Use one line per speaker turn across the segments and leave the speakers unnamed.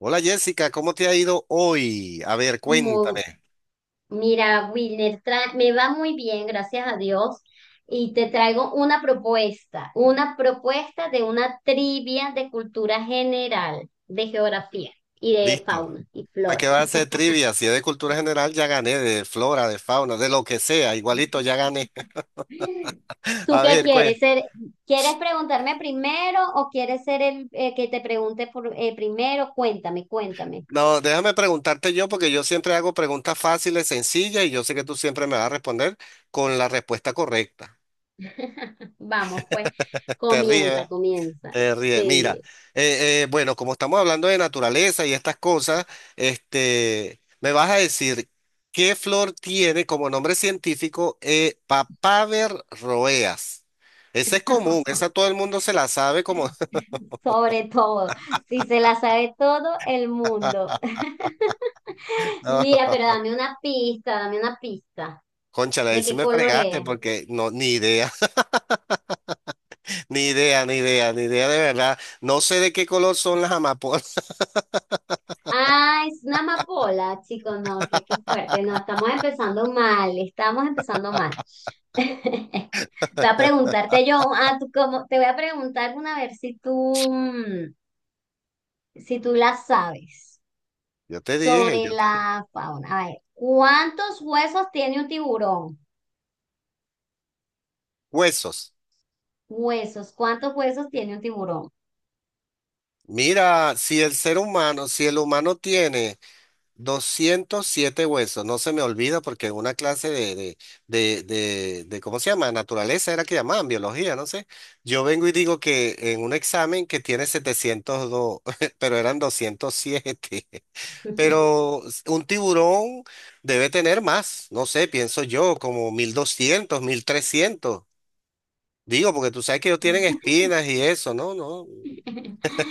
Hola Jessica, ¿cómo te ha ido hoy? A ver,
Mu-
cuéntame.
Mira, Wilner, me va muy bien, gracias a Dios. Y te traigo una propuesta de una trivia de cultura general, de geografía y de
Listo.
fauna y
¿Para qué
flora.
vas a hacer trivia? Si es de cultura general, ya gané, de flora, de fauna, de lo que sea, igualito ya gané.
¿Tú
A
qué
ver, pues.
quieres ser? ¿Quieres preguntarme primero o quieres ser el que te pregunte primero? Cuéntame, cuéntame.
No, déjame preguntarte yo, porque yo siempre hago preguntas fáciles, sencillas, y yo sé que tú siempre me vas a responder con la respuesta correcta.
Vamos, pues,
Te
comienza,
ríes.
comienza.
Te ríes. Mira,
Sí.
bueno, como estamos hablando de naturaleza y estas cosas, me vas a decir qué flor tiene como nombre científico Papaver roeas. Esa es común, esa todo el mundo se la sabe como...
Sobre todo, si se la sabe todo el mundo.
No,
Mira, pero dame una pista, dame una pista.
cónchale, ahí
¿De
sí
qué
me
color
fregaste
es?
porque no, ni idea, ni idea, ni idea, ni idea de verdad. No sé de qué color son las amapolas.
Ah, es una amapola, chicos, no, qué fuerte. No, estamos empezando mal, estamos empezando mal. Voy a preguntarte yo, ah, te voy a preguntar una a ver si tú la sabes
Yo te dije,
sobre la fauna. A ver, ¿cuántos huesos tiene un tiburón?
huesos.
Huesos. ¿Cuántos huesos tiene un tiburón?
Mira, si el humano tiene... 207 huesos, no se me olvida porque en una clase de, ¿cómo se llama? Naturaleza era que llamaban, biología, no sé. Yo vengo y digo que en un examen que tiene 702 pero eran 207 Pero un tiburón debe tener más, no sé, pienso yo, como 1.200 1.300. Digo, porque tú sabes que ellos tienen espinas y eso, ¿no? No,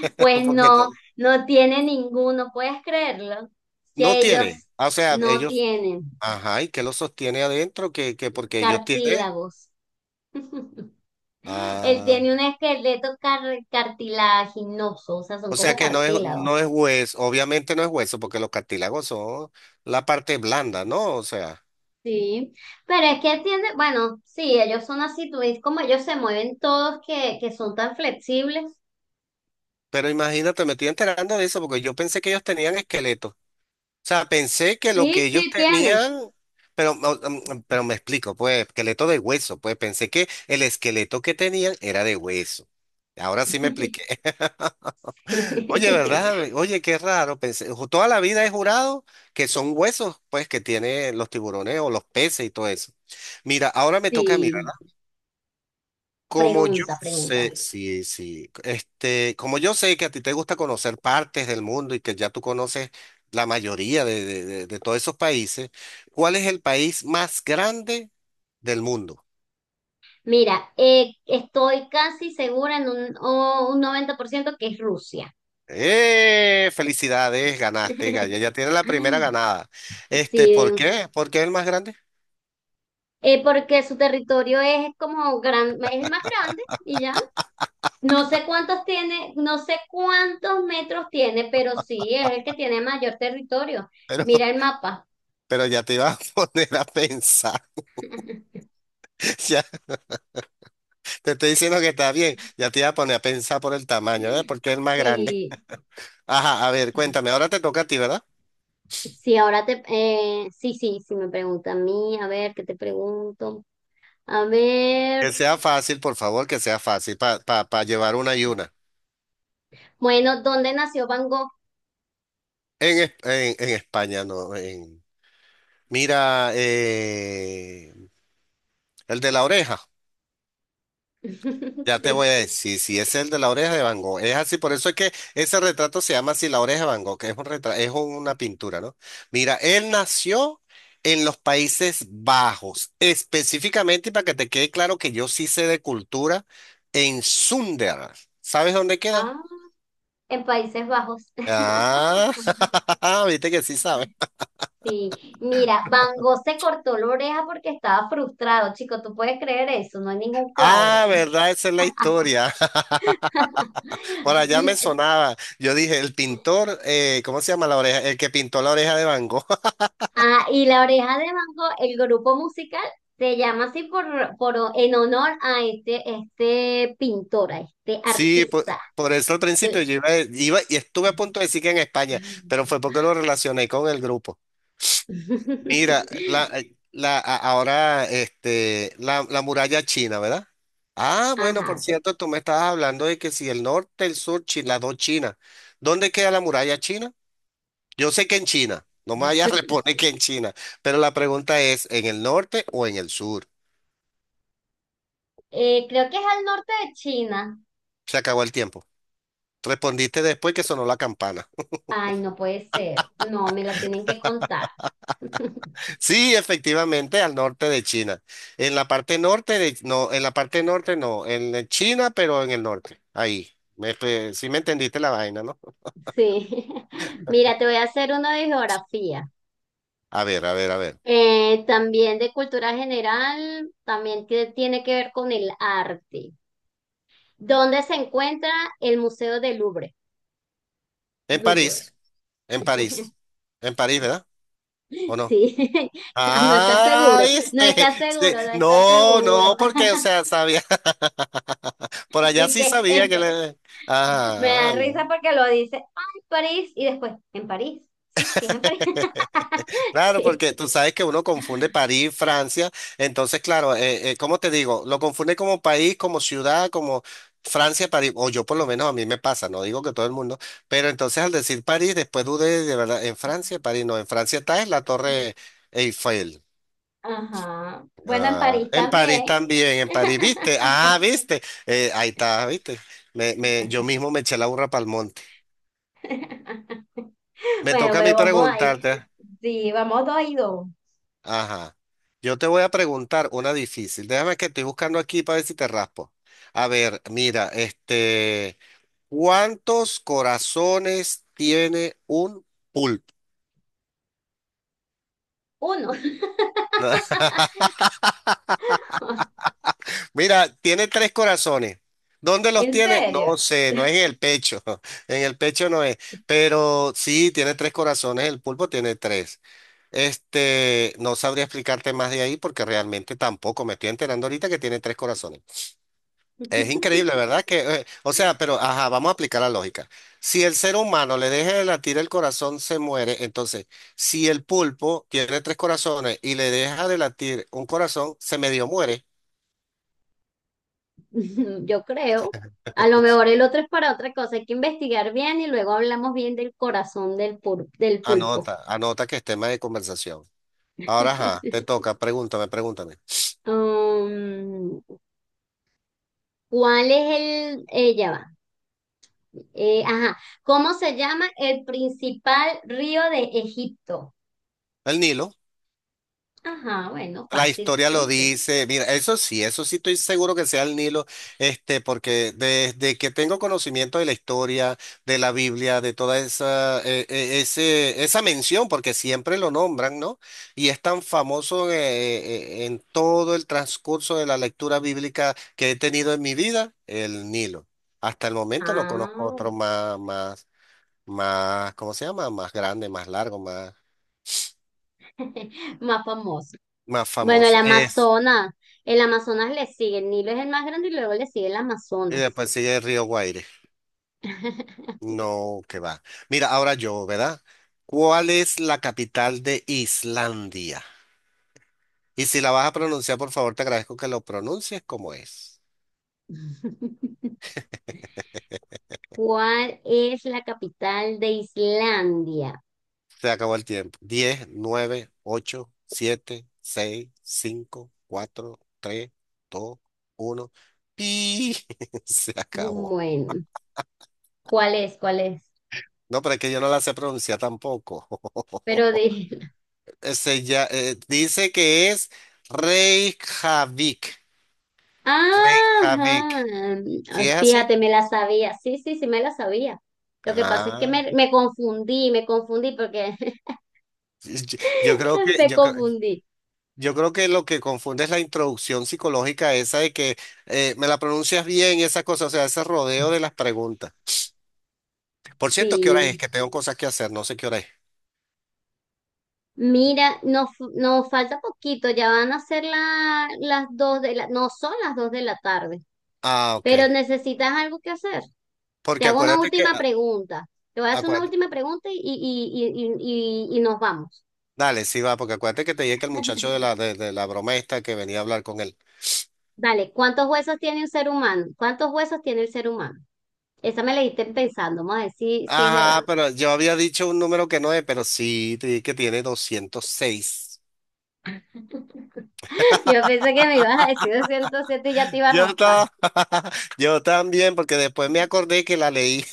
Pues
porque
no, no tiene ninguno. ¿Puedes creerlo?
no
Que
tiene.
ellos
O sea,
no
ellos
tienen
ajá, y que lo sostiene adentro, que porque ellos tienen.
cartílagos. Él
Ah,
tiene un esqueleto cartilaginoso, o sea, son
o sea
como
que no es,
cartílagos.
no es hueso, obviamente no es hueso, porque los cartílagos son la parte blanda, ¿no? O sea,
Sí, pero es que tiene, bueno, sí, ellos son así, tú ves como ellos se mueven todos que son tan flexibles.
pero imagínate, me estoy enterando de eso, porque yo pensé que ellos tenían esqueleto. O sea, pensé que lo
Sí,
que ellos
sí, tienen.
tenían, pero, no, pero me explico, pues, esqueleto de hueso, pues pensé que el esqueleto que tenían era de hueso. Ahora sí me expliqué. Oye, ¿verdad? Oye, qué raro. Pensé, toda la vida he jurado que son huesos, pues, que tienen los tiburones o los peces y todo eso. Mira, ahora me toca mirar.
Sí.
Como yo
Pregunta, pregunta.
sé, sí, sí, como yo sé que a ti te gusta conocer partes del mundo y que ya tú conoces la mayoría de todos esos países, ¿cuál es el país más grande del mundo?
Mira, estoy casi segura en un, o un 90% que es Rusia.
¡Eh! Felicidades, ganaste, Gaya. Ya tienes la primera ganada.
Sí,
¿Por qué? ¿Por qué es el más grande?
porque su territorio es es el más grande y ya. No sé cuántos tiene, no sé cuántos metros tiene, pero sí es el que tiene mayor territorio.
Pero
Mira el mapa.
Pero ya te iba a poner a pensar. Ya te estoy diciendo que está bien. Ya te iba a poner a pensar por el tamaño, ¿verdad? Porque es el más grande.
Sí,
Ajá, a ver, cuéntame. Ahora te toca a ti, ¿verdad?
sí, ahora sí, sí, sí me pregunta a mí, a ver, ¿qué te pregunto? A
Que
ver.
sea fácil, por favor, que sea fácil para pa, pa pa llevar una y una.
Bueno, ¿dónde nació Van Gogh?
En España, no. En... Mira, el de la oreja. Ya te voy
Sí.
a decir, si es el de la oreja de Van Gogh, es así, por eso es que ese retrato se llama así, la oreja de Van Gogh, que es un retrato, es una pintura, ¿no? Mira, él nació en los Países Bajos, específicamente, y para que te quede claro que yo sí sé de cultura, en Sunderland. ¿Sabes dónde queda?
Ah, en Países Bajos.
Ah, viste que sí sabes.
Sí. Mira, Van Gogh se cortó la oreja porque estaba frustrado, chico. ¿Tú puedes creer eso? No hay ningún cuadro.
Ah, verdad, esa es la historia. Por allá me
La-
sonaba. Yo dije, el pintor, ¿cómo se llama la oreja? El que pintó la oreja de Van Gogh.
Ah, y la oreja de Van Gogh, el grupo musical, se llama así por en honor a este, este pintor, a este
Sí, po-
artista.
por, eso al principio
Sí.
yo iba, iba y estuve a punto de decir que en España, pero fue porque lo relacioné con el grupo. Mira, ahora la muralla china, ¿verdad? Ah, bueno, por
Ajá.
cierto, tú me estabas hablando de que si el norte, el sur, China, las dos Chinas. ¿Dónde queda la muralla china? Yo sé que en China, no me vayas a responder que en China, pero la pregunta es, ¿en el norte o en el sur?
Creo que es al norte de China.
Se acabó el tiempo. Respondiste después que sonó la campana.
Ay, no puede ser. No, me la tienen que contar.
Sí, efectivamente, al norte de China. En la parte norte de, no, en la parte norte no, en China, pero en el norte. Ahí. Me, espe- sí me entendiste la vaina, ¿no?
Sí. Mira, te voy a hacer uno de geografía.
A ver, a ver, a ver.
También de cultura general, también tiene que ver con el arte. ¿Dónde se encuentra el Museo del Louvre?
En
Louvre.
París, en París, en París, ¿verdad?
Sí,
¿O no?
Ah, no estás
Ah,
seguro, no estás seguro,
sí.
no estás
No,
seguro.
no, porque, o sea, sabía, por allá
Y
sí
que
sabía que le...
me da
Ah,
risa
no.
porque lo dice, ay, París, y después, en París. Sí, sí, es en París.
Claro,
Sí.
porque tú sabes que uno confunde París, Francia, entonces claro, ¿cómo te digo? Lo confunde como país, como ciudad, como Francia, París, o yo por lo menos a mí me pasa, no digo que todo el mundo, pero entonces al decir París, después dudé de verdad, en Francia, París, no, en Francia está en la Torre Eiffel,
Ajá. Bueno, en
ah,
París
en París
también.
también, en París, ¿viste? Ah, ¿viste? Ahí está, ¿viste? Yo mismo me eché la burra para el monte. Me
Bueno,
toca a
pero
mí
vamos ahí.
preguntarte.
Sí, vamos 2-2.
Ajá. Yo te voy a preguntar una difícil. Déjame que estoy buscando aquí para ver si te raspo. A ver, mira, ¿cuántos corazones tiene un pulpo?
Uno.
Mira, tiene tres corazones. ¿Dónde los
¿En
tiene?
serio?
No sé, no es en el pecho. En el pecho no es. Pero sí, tiene tres corazones. El pulpo tiene tres. No sabría explicarte más de ahí porque realmente tampoco me estoy enterando ahorita que tiene tres corazones. Es increíble, ¿verdad? Que, o sea, pero, ajá, vamos a aplicar la lógica. Si el ser humano le deja de latir el corazón, se muere. Entonces, si el pulpo tiene tres corazones y le deja de latir un corazón, se medio muere.
Yo creo. A lo mejor el otro es para otra cosa. Hay que investigar bien y luego hablamos bien del corazón del, del pulpo.
Anota, anota que es tema de conversación. Ahora, ajá, te toca, pregúntame, pregúntame.
Um, ¿Cuál es el...? Ella va. Ajá. ¿Cómo se llama el principal río de Egipto?
El Nilo.
Ajá, bueno,
La
fácil,
historia lo
¿viste?
dice, mira, eso sí estoy seguro que sea el Nilo, este, porque desde que tengo conocimiento de la historia, de la Biblia, de toda esa mención, porque siempre lo nombran, ¿no? Y es tan famoso en todo el transcurso de la lectura bíblica que he tenido en mi vida, el Nilo. Hasta el momento no
Ah,
conozco otro más, más, más, ¿cómo se llama? Más grande, más largo, más,
más famoso.
más
Bueno, el
famoso. Es,
Amazonas. El Amazonas le sigue. El Nilo es el más grande y luego le sigue el
y
Amazonas.
después sigue el río Guaire. No, que va. Mira, ahora yo, ¿verdad? ¿Cuál es la capital de Islandia? Y si la vas a pronunciar, por favor, te agradezco que lo pronuncies como es.
¿Cuál es la capital de Islandia?
Se acabó el tiempo. Diez, nueve, ocho, siete, seis, cinco, cuatro, tres, dos, uno. ¡Pi! Se acabó.
Bueno, ¿cuál es? ¿Cuál es?
No, pero es que yo no la sé pronunciar tampoco.
Pero de...
Ese ya, dice que es Reykjavik. Reykjavik.
Ajá.
¿Sí es así?
Fíjate, me la sabía. Sí, sí, sí, me la sabía. Lo que pasa es que
Ah,
me confundí, me confundí porque
y- y- yo creo que
me
yo, cre-
confundí.
yo creo que lo que confunde es la introducción psicológica esa de que me la pronuncias bien y esa cosa, o sea, ese rodeo de las preguntas. Por cierto, ¿qué hora es?
Sí,
Que tengo cosas que hacer, no sé qué hora es.
mira, nos falta poquito, ya van a ser las dos no son las dos de la tarde,
Ah, ok.
pero necesitas algo que hacer. Te
Porque
hago una
acuérdate que
última
a-
pregunta. Te voy a hacer una
acuérdate-
última pregunta y nos vamos.
dale, sí va, porque acuérdate que te dije que el muchacho de la de la broma esta que venía a hablar con él.
Dale, ¿cuántos huesos tiene un ser humano? ¿Cuántos huesos tiene el ser humano? Esa me la diste pensando, vamos a ver si es verdad.
Ajá, pero yo había dicho un número que no es, pero sí, te dije que tiene 206.
Yo pensé que me ibas a decir 207 y ya te iba a
Yo,
raspar.
ta- yo también, porque después me acordé que la leí.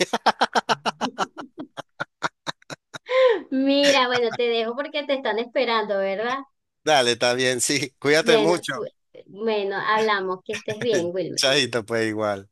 Mira, bueno, te dejo porque te están esperando, ¿verdad?
Dale, está bien, sí. Cuídate
Bueno,
mucho.
bueno, hablamos, que estés bien, Wilmer.
Chaito, pues igual.